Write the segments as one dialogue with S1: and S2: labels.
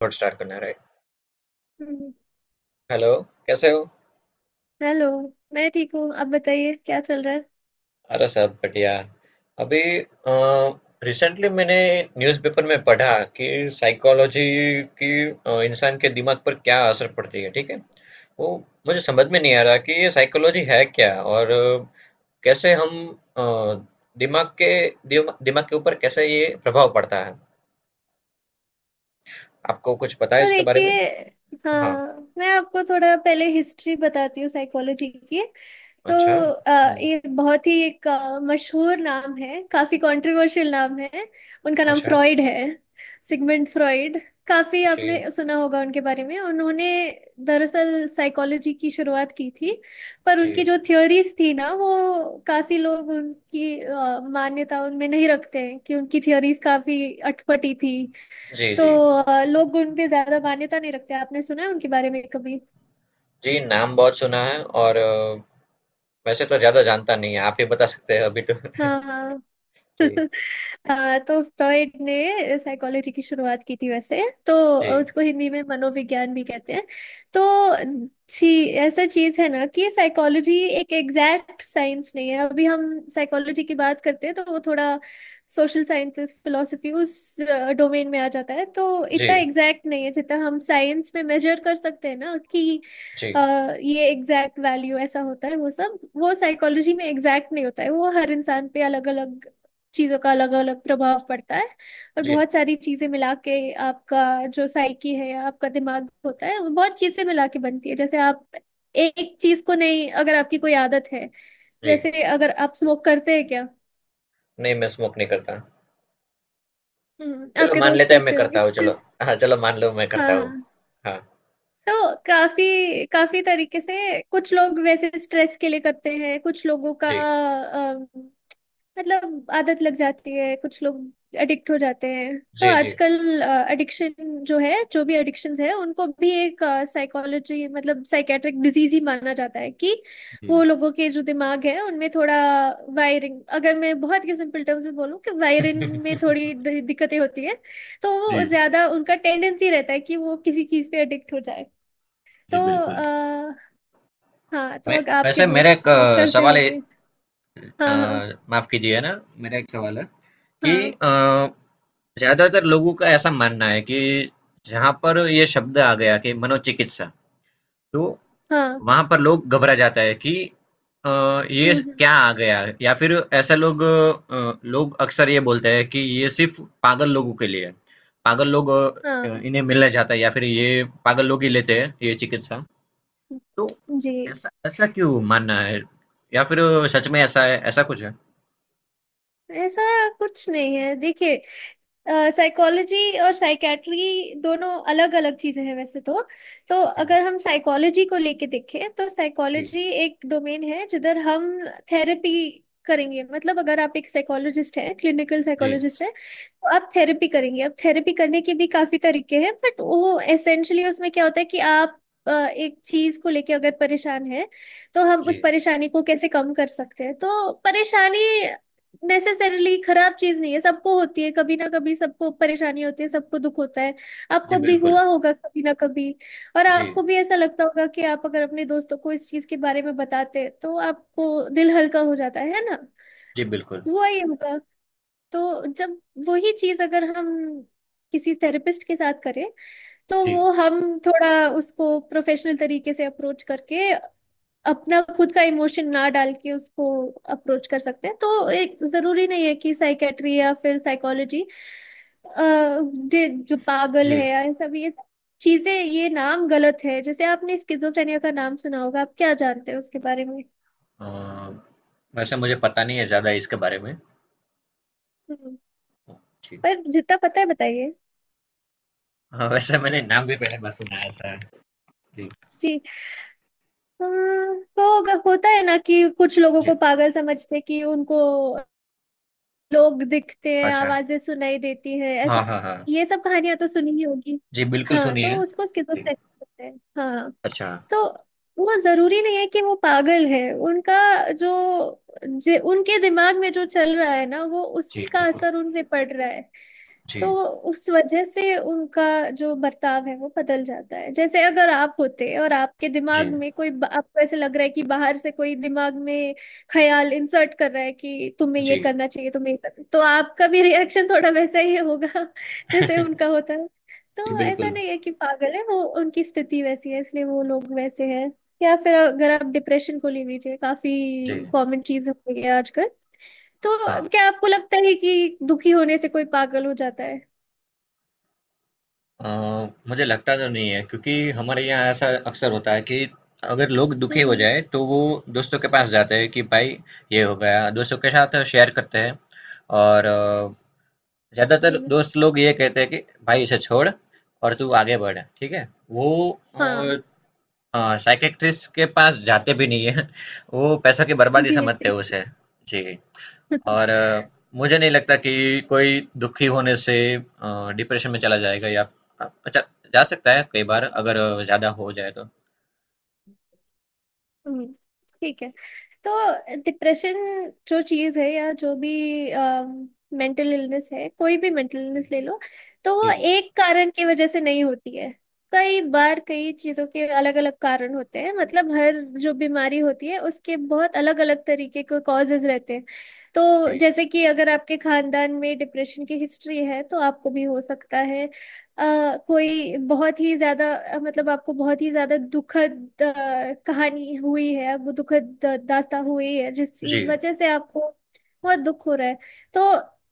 S1: Record start करना है right.
S2: हम्म।
S1: हेलो। कैसे हो?
S2: हेलो। मैं ठीक हूँ आप बताइए क्या चल रहा है।
S1: अरे सब बढ़िया। अभी रिसेंटली मैंने न्यूज़पेपर में पढ़ा कि साइकोलॉजी की इंसान के दिमाग पर क्या असर पड़ती है, ठीक है? वो मुझे समझ में नहीं आ रहा कि ये साइकोलॉजी है क्या, और कैसे हम अ, दिमाग के दिमाग के ऊपर कैसे ये प्रभाव पड़ता है? आपको कुछ पता है
S2: तो
S1: इसके बारे में?
S2: देखिए
S1: हाँ।
S2: हाँ मैं आपको थोड़ा पहले हिस्ट्री बताती हूँ साइकोलॉजी की। तो
S1: अच्छा। हम्म।
S2: ये बहुत ही एक मशहूर नाम है काफी कंट्रोवर्शियल नाम है। उनका नाम
S1: अच्छा।
S2: फ्रॉइड है। Sigmund Freud. काफी
S1: जी,
S2: आपने सुना होगा उनके बारे में उन्होंने दरअसल साइकोलॉजी की शुरुआत की थी। पर
S1: जी,
S2: उनकी जो थ्योरीज थी ना वो काफी लोग उनकी मान्यता उनमें नहीं रखते हैं कि उनकी थ्योरीज काफी अटपटी थी।
S1: जी, जी,
S2: तो
S1: जी।
S2: लोग उन पे ज्यादा मान्यता नहीं रखते आपने सुना है उनके बारे में कभी।
S1: जी, नाम बहुत सुना है, और वैसे तो ज़्यादा जानता नहीं है, आप ही बता सकते हैं अभी तो।
S2: हाँ
S1: जी,
S2: हाँ। तो फ्रॉइड ने साइकोलॉजी की शुरुआत की थी वैसे। तो
S1: जी,
S2: उसको हिंदी में मनोविज्ञान भी कहते हैं। तो ऐसा चीज है ना कि साइकोलॉजी एक एग्जैक्ट साइंस नहीं है। अभी हम साइकोलॉजी की बात करते हैं तो वो थोड़ा सोशल साइंसेस फिलोसफी उस डोमेन में आ जाता है। तो इतना
S1: जी,
S2: एग्जैक्ट नहीं है जितना हम साइंस में मेजर कर सकते हैं ना कि अ,
S1: जी,
S2: ये एग्जैक्ट वैल्यू ऐसा होता है वो सब वो साइकोलॉजी में एग्जैक्ट नहीं होता है। वो हर इंसान पे अलग अलग चीज़ों का अलग अलग प्रभाव पड़ता है और
S1: जी,
S2: बहुत सारी चीज़ें मिला के आपका जो साइकी है आपका दिमाग होता है वो बहुत चीज़ें मिला के बनती है। जैसे आप एक चीज़ को नहीं अगर आपकी कोई आदत है।
S1: जी।
S2: जैसे अगर आप स्मोक करते हैं क्या।
S1: नहीं, मैं स्मोक नहीं करता। चलो
S2: आपके
S1: मान
S2: दोस्त
S1: लेते हैं मैं
S2: करते
S1: करता हूँ।
S2: होंगे
S1: चलो, हाँ चलो मान लो मैं
S2: हाँ
S1: करता हूँ।
S2: हाँ।
S1: हाँ।
S2: तो काफी काफी तरीके से कुछ लोग वैसे स्ट्रेस के लिए करते हैं कुछ लोगों का
S1: जी,
S2: मतलब आदत लग जाती है कुछ लोग एडिक्ट हो जाते हैं। तो
S1: जी, जी,
S2: आजकल एडिक्शन जो है जो भी एडिक्शंस है उनको भी एक साइकोलॉजी मतलब साइकेट्रिक डिजीज ही माना जाता है कि
S1: जी,
S2: वो लोगों के जो दिमाग है उनमें थोड़ा वायरिंग अगर मैं बहुत ही सिंपल टर्म्स में बोलूँ कि वायरिंग में थोड़ी दिक्कतें होती है। तो वो
S1: जी,
S2: ज्यादा उनका टेंडेंसी रहता है कि वो किसी चीज पे एडिक्ट हो जाए। तो
S1: जी, बिल्कुल।
S2: आ, हाँ तो
S1: मैं
S2: अगर आपके
S1: वैसे मेरा
S2: दोस्त
S1: एक
S2: स्मोक करते
S1: सवाल है।
S2: होंगे।
S1: अ,
S2: हाँ हाँ
S1: माफ कीजिए ना, मेरा एक सवाल है कि
S2: हाँ
S1: अ, ज्यादातर लोगों का ऐसा मानना है कि जहां पर ये शब्द आ गया कि मनोचिकित्सा, तो
S2: हाँ।
S1: वहाँ पर लोग घबरा जाता है कि अ, ये
S2: हम्म।
S1: क्या आ गया? या फिर ऐसा लोग अक्सर ये बोलते हैं कि ये सिर्फ पागल लोगों के लिए है। पागल लोग
S2: हाँ।
S1: इन्हें मिलने जाता है या फिर ये पागल लोग ही लेते हैं ये चिकित्सा? तो
S2: जी।
S1: ऐसा ऐसा क्यों मानना है, या फिर सच में ऐसा है, ऐसा कुछ है?
S2: ऐसा कुछ नहीं है देखिए। साइकोलॉजी और साइकेट्री दोनों अलग अलग चीजें हैं वैसे तो। तो
S1: जी,
S2: अगर हम साइकोलॉजी को लेके देखें तो
S1: जी,
S2: साइकोलॉजी एक डोमेन है जिधर हम थेरेपी करेंगे। मतलब अगर आप एक साइकोलॉजिस्ट हैं क्लिनिकल
S1: जी,
S2: साइकोलॉजिस्ट हैं तो आप थेरेपी करेंगे। अब थेरेपी करने के भी काफी तरीके हैं बट वो एसेंशली उसमें क्या होता है कि आप एक चीज को लेके अगर परेशान है तो हम
S1: जी,
S2: उस परेशानी को कैसे कम कर सकते हैं। तो परेशानी नेसेसरीली खराब चीज नहीं है सबको होती है कभी ना कभी सबको परेशानी होती है सबको दुख होता है।
S1: जी,
S2: आपको भी
S1: बिल्कुल।
S2: हुआ होगा कभी ना कभी। और
S1: जी,
S2: आपको भी ऐसा लगता होगा कि आप अगर अपने दोस्तों को इस चीज के बारे में बताते तो आपको दिल हल्का हो जाता है ना।
S1: जी, बिल्कुल।
S2: हुआ ही होगा। तो जब वही चीज अगर हम किसी थेरेपिस्ट के साथ करें तो
S1: जी,
S2: वो हम थोड़ा उसको प्रोफेशनल तरीके से अप्रोच करके अपना खुद का इमोशन ना डाल के उसको अप्रोच कर सकते हैं। तो एक जरूरी नहीं है कि साइकेट्री या फिर साइकोलॉजी जो पागल
S1: जी।
S2: है या ये सब ये चीजें ये नाम गलत है। जैसे आपने स्किजोफ्रेनिया का नाम सुना होगा आप क्या जानते हैं उसके बारे में।
S1: अ, वैसे मुझे पता नहीं है ज्यादा इसके बारे में।
S2: हम्म,
S1: जी।
S2: पर जितना पता है बताइए।
S1: हाँ, वैसे मैंने नाम भी पहली बार सुना है ऐसा। जी,
S2: जी। हाँ, तो होता है ना कि कुछ लोगों
S1: जी,
S2: को पागल समझते हैं कि उनको लोग दिखते हैं
S1: अच्छा।
S2: आवाजें सुनाई देती हैं ऐसा।
S1: हाँ, हाँ, हाँ।
S2: ये सब कहानियां तो सुनी ही होगी।
S1: जी, बिल्कुल
S2: हाँ
S1: सुनी
S2: तो
S1: है।
S2: उसको
S1: जी,
S2: स्किजोफ्रेनिया कहते हैं हाँ।
S1: अच्छा।
S2: तो वो जरूरी नहीं है कि वो पागल है। उनका जो उनके दिमाग में जो चल रहा है ना वो
S1: जी,
S2: उसका
S1: बिल्कुल।
S2: असर उन पे पड़ रहा है। तो
S1: जी,
S2: उस वजह से उनका जो बर्ताव है वो बदल जाता है। जैसे अगर आप होते और आपके
S1: जी,
S2: दिमाग में कोई आपको ऐसे लग रहा है कि बाहर से कोई दिमाग में ख्याल इंसर्ट कर रहा है कि तुम्हें ये
S1: जी।
S2: करना चाहिए तुम्हें ये करना तो आपका भी रिएक्शन थोड़ा वैसा ही होगा जैसे उनका होता है।
S1: जी,
S2: तो ऐसा
S1: बिल्कुल।
S2: नहीं है कि पागल है वो उनकी स्थिति वैसी है इसलिए वो लोग वैसे हैं। या फिर अगर आप डिप्रेशन को ले लीजिए काफी
S1: जी,
S2: कॉमन चीज हो गई है आजकल। तो
S1: हाँ।
S2: क्या आपको लगता है कि दुखी होने से कोई पागल हो जाता है।
S1: अ, मुझे लगता तो नहीं है, क्योंकि हमारे यहाँ ऐसा अक्सर होता है कि अगर लोग दुखी हो
S2: हम्म।
S1: जाए तो वो दोस्तों के पास जाते हैं कि भाई ये हो गया, दोस्तों के साथ शेयर करते हैं। और
S2: जी।
S1: ज़्यादातर दोस्त लोग ये कहते हैं कि भाई इसे छोड़ और तू आगे बढ़, ठीक है? वो
S2: हाँ।
S1: हाँ, साइकियाट्रिस्ट के पास जाते भी नहीं है। वो पैसों की बर्बादी
S2: जी
S1: समझते
S2: जी।
S1: हैं उसे। जी। और मुझे नहीं लगता कि कोई दुखी होने से डिप्रेशन में चला जाएगा या, अच्छा, जा सकता है कई बार अगर ज्यादा हो जाए तो।
S2: हम्म, ठीक है। तो डिप्रेशन जो चीज़ है या जो भी मेंटल इलनेस है कोई भी मेंटल
S1: जी,
S2: इलनेस ले लो। तो वो
S1: जी, जी,
S2: एक कारण की वजह से नहीं होती है। कई बार कई चीज़ों के अलग अलग कारण होते हैं मतलब हर जो बीमारी होती है उसके बहुत अलग अलग तरीके के कॉजेज रहते हैं। तो जैसे कि अगर आपके खानदान में डिप्रेशन की हिस्ट्री है तो आपको भी हो सकता है। अ, कोई बहुत ही ज्यादा मतलब आपको बहुत ही ज्यादा दुखद कहानी हुई है आपको दुखद दास्तां हुई है जिसकी
S1: जी,
S2: वजह से आपको बहुत दुख हो रहा है। तो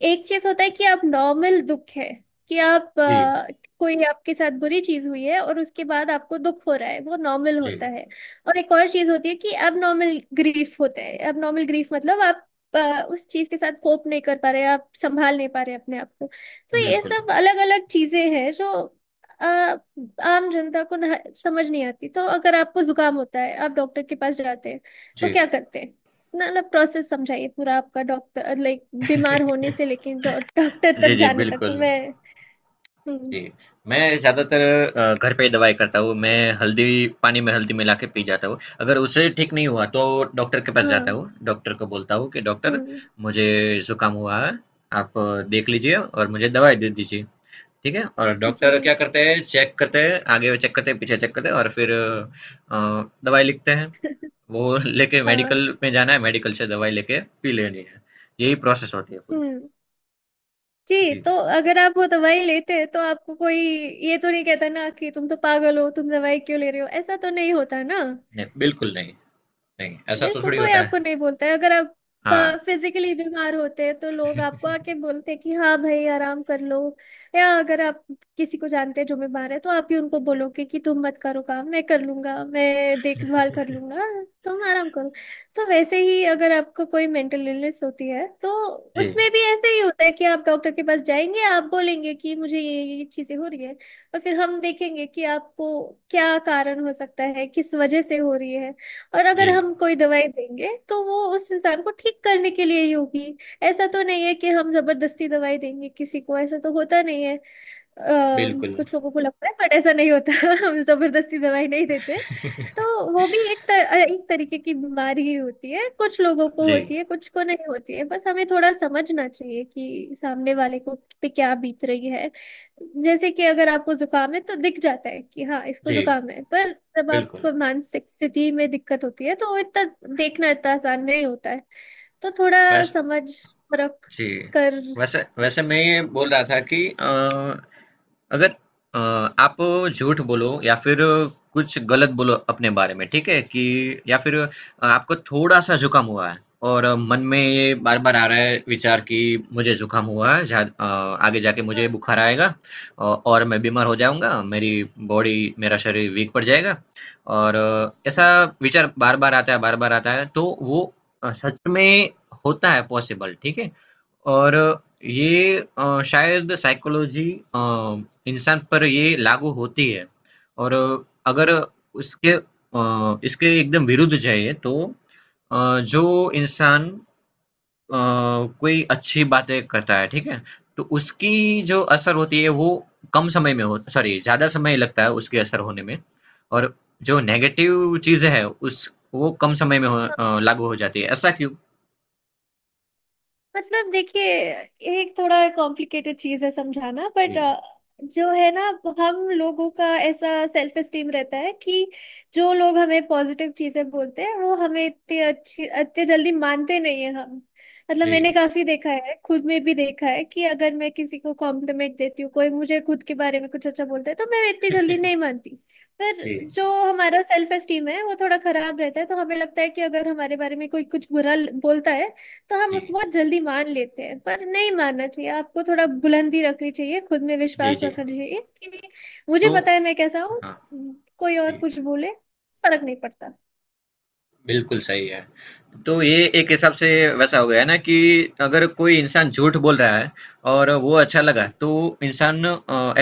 S2: एक चीज होता है कि आप नॉर्मल दुख है कि आप
S1: जी,
S2: कोई आपके साथ बुरी चीज हुई है और उसके बाद आपको दुख हो रहा है वो नॉर्मल
S1: जी। जी,
S2: होता है। और एक और चीज होती है कि अब नॉर्मल ग्रीफ होता है अब नॉर्मल ग्रीफ मतलब आप उस चीज के साथ कोप नहीं कर पा रहे आप संभाल नहीं पा रहे अपने आप को। तो ये
S1: बिल्कुल।
S2: सब अलग अलग चीजें हैं जो अ, आम जनता को ना समझ नहीं आती। तो अगर आपको जुकाम होता है आप डॉक्टर के पास जाते हैं तो
S1: जी,
S2: क्या करते हैं। ना ना प्रोसेस समझाइए पूरा आपका डॉक्टर लाइक बीमार होने से लेकिन डॉक्टर
S1: जी,
S2: तक
S1: जी,
S2: जाने तक
S1: बिल्कुल।
S2: मैं। हम्म।
S1: जी, मैं ज़्यादातर घर पे ही दवाई करता हूँ। मैं हल्दी पानी में हल्दी मिला के पी जाता हूँ। अगर उससे ठीक नहीं हुआ तो डॉक्टर के पास जाता
S2: हाँ।
S1: हूँ। डॉक्टर को बोलता हूँ कि डॉक्टर
S2: हम्म।
S1: मुझे ज़ुकाम हुआ है, आप देख लीजिए और मुझे दवाई दे दीजिए। ठीक है? और डॉक्टर
S2: जी।
S1: क्या करते हैं, चेक करते हैं, आगे चेक करते हैं, पीछे चेक करते हैं और फिर दवाई लिखते हैं। वो लेके
S2: हाँ।
S1: मेडिकल में जाना है, मेडिकल से दवाई लेके पी लेनी है। यही प्रोसेस होती है पूरी।
S2: हम्म। जी।
S1: जी,
S2: तो अगर आप वो दवाई लेते हैं तो आपको कोई ये तो नहीं कहता ना कि तुम तो पागल हो तुम दवाई क्यों ले रहे हो ऐसा तो नहीं होता ना।
S1: नहीं, बिल्कुल नहीं, नहीं, ऐसा तो
S2: देखो
S1: थोड़ी
S2: कोई
S1: होता है।
S2: आपको नहीं बोलता है अगर आप
S1: हाँ,
S2: फिजिकली बीमार होते हैं तो लोग आपको आके बोलते हैं कि हाँ भाई आराम कर लो। या अगर आप किसी को जानते हैं जो बीमार है तो आप ही उनको बोलोगे कि तुम मत करो काम मैं कर लूंगा मैं देखभाल कर लूंगा तुम आराम करो। तो वैसे ही अगर आपको कोई मेंटल इलनेस होती है तो
S1: जी।
S2: उसमें भी ऐसे ही होता है कि आप डॉक्टर के पास जाएंगे आप बोलेंगे कि मुझे ये चीजें हो रही है और फिर हम देखेंगे कि आपको क्या कारण हो सकता है किस वजह से हो रही है। और अगर
S1: जी,
S2: हम कोई दवाई देंगे तो वो उस इंसान को ठीक करने के लिए ही होगी। ऐसा तो नहीं है कि हम जबरदस्ती दवाई देंगे किसी को ऐसा तो होता नहीं है। अ,
S1: बिल्कुल।
S2: कुछ लोगों को लगता है बट ऐसा नहीं होता हम जबरदस्ती दवाई नहीं देते। तो वो भी एक एक तरीके की बीमारी ही होती है कुछ लोगों को
S1: जी,
S2: होती है कुछ को नहीं होती है बस हमें थोड़ा समझना चाहिए कि सामने वाले को पे क्या बीत रही है। जैसे कि अगर आपको जुकाम है तो दिख जाता है कि हाँ इसको
S1: जी,
S2: जुकाम है पर जब
S1: बिल्कुल।
S2: आपको मानसिक स्थिति में दिक्कत होती है तो वो इतना देखना इतना आसान नहीं होता है। तो थोड़ा
S1: वैस
S2: समझ परख
S1: जी,
S2: कर
S1: वैसे वैसे मैं ये बोल रहा था कि अगर अ, आप झूठ बोलो या फिर कुछ गलत बोलो अपने बारे में, ठीक है? कि या फिर आपको थोड़ा सा जुकाम हुआ है, और मन में ये बार बार आ रहा है विचार कि मुझे जुकाम हुआ है, आगे जाके मुझे बुखार आएगा, और मैं बीमार हो जाऊंगा, मेरी बॉडी मेरा शरीर वीक पड़ जाएगा। और ऐसा विचार बार बार आता है, बार बार आता है, तो वो सच में होता है, पॉसिबल, ठीक है? और ये शायद साइकोलॉजी अ, इंसान पर ये लागू होती है। और अगर इसके एकदम विरुद्ध जाइए तो जो इंसान अ, कोई अच्छी बातें करता है, ठीक है? तो उसकी जो असर होती है वो कम समय में हो, सॉरी, ज्यादा समय लगता है उसके असर होने में। और जो नेगेटिव चीजें हैं उस वो कम समय में लागू हो जाती है, ऐसा क्यों?
S2: मतलब देखिए ये एक थोड़ा कॉम्प्लिकेटेड चीज है समझाना बट
S1: जी,
S2: जो है ना हम लोगों का ऐसा सेल्फ एस्टीम रहता है कि जो लोग हमें पॉजिटिव चीजें बोलते हैं वो हमें इतने अच्छी इतने जल्दी मानते नहीं है हम। मतलब
S1: जी।
S2: मैंने काफी देखा है खुद में भी देखा है कि अगर मैं किसी को कॉम्प्लीमेंट देती हूँ कोई मुझे खुद के बारे में कुछ अच्छा बोलता है तो मैं इतनी जल्दी नहीं मानती।
S1: जी,
S2: पर जो हमारा सेल्फ एस्टीम है वो थोड़ा खराब रहता है तो हमें लगता है कि अगर हमारे बारे में कोई कुछ बुरा बोलता है तो हम
S1: जी,
S2: उसको बहुत जल्दी मान लेते हैं। पर नहीं मानना चाहिए आपको थोड़ा बुलंदी रखनी चाहिए खुद में
S1: जी,
S2: विश्वास
S1: जी।
S2: रखना चाहिए कि मुझे
S1: तो
S2: पता है मैं कैसा हूँ।
S1: हाँ,
S2: कोई और
S1: जी,
S2: कुछ बोले फर्क नहीं पड़ता।
S1: बिल्कुल सही है। तो ये एक हिसाब से वैसा हो गया है ना कि अगर कोई इंसान झूठ बोल रहा है और वो अच्छा लगा तो इंसान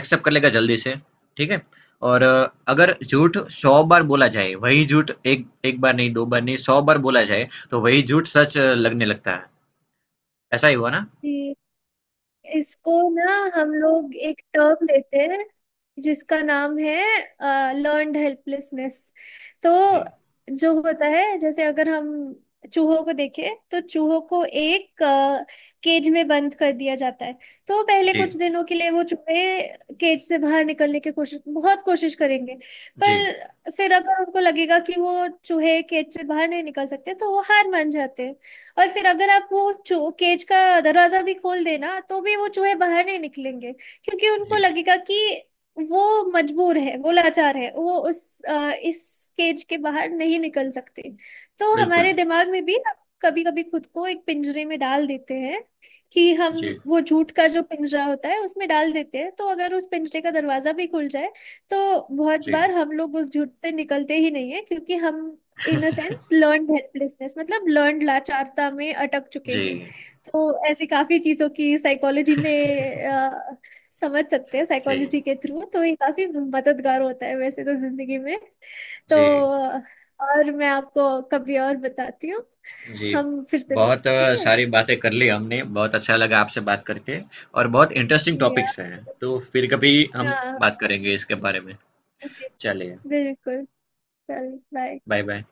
S1: एक्सेप्ट कर लेगा जल्दी से, ठीक है? और अगर झूठ 100 बार बोला जाए, वही झूठ एक एक बार नहीं, 2 बार नहीं, 100 बार बोला जाए तो वही झूठ सच लगने लगता है। ऐसा ही हुआ ना?
S2: जी। इसको ना हम लोग एक टर्म देते हैं जिसका नाम है लर्न्ड हेल्पलेसनेस। तो
S1: जी,
S2: जो होता है जैसे अगर हम चूहों को देखें तो चूहों को एक केज में बंद कर दिया जाता है। तो पहले
S1: जी,
S2: कुछ दिनों के लिए वो चूहे केज से बाहर निकलने की कोशिश बहुत कोशिश करेंगे।
S1: जी,
S2: पर फिर अगर उनको लगेगा कि वो चूहे केज से बाहर नहीं निकल सकते तो वो हार मान जाते हैं। और फिर अगर आप वो चो केज का दरवाजा भी खोल देना तो भी वो चूहे बाहर नहीं निकलेंगे क्योंकि उनको
S1: जी,
S2: लगेगा कि वो मजबूर है वो लाचार है वो इस केज के बाहर नहीं निकल सकते। तो
S1: बिल्कुल।
S2: हमारे दिमाग में भी हम कभी कभी खुद को एक पिंजरे में डाल देते हैं कि हम
S1: जी,
S2: वो झूठ का जो पिंजरा होता है उसमें डाल देते हैं। तो अगर उस पिंजरे का दरवाजा भी खुल जाए तो बहुत
S1: जी,
S2: बार हम लोग उस झूठ से निकलते ही नहीं है क्योंकि हम in a sense learned helplessness मतलब लर्न्ड लाचारता में अटक चुके हैं।
S1: जी,
S2: तो ऐसी काफी चीजों की साइकोलॉजी में अ, समझ सकते हैं
S1: जी,
S2: साइकोलॉजी के थ्रू। तो ये काफी मददगार होता है वैसे तो जिंदगी में। तो
S1: जी।
S2: अ, और मैं आपको कभी और बताती हूँ।
S1: जी,
S2: हम फिर से
S1: बहुत
S2: मिलते हैं, ठीक है।
S1: सारी बातें कर ली हमने, बहुत अच्छा लगा आपसे बात करके, और बहुत इंटरेस्टिंग
S2: जी
S1: टॉपिक्स हैं,
S2: आप।
S1: तो फिर कभी हम
S2: हाँ हाँ।
S1: बात करेंगे इसके बारे में।
S2: जी जी
S1: चलिए,
S2: बिल्कुल। चल बाय।
S1: Bye bye.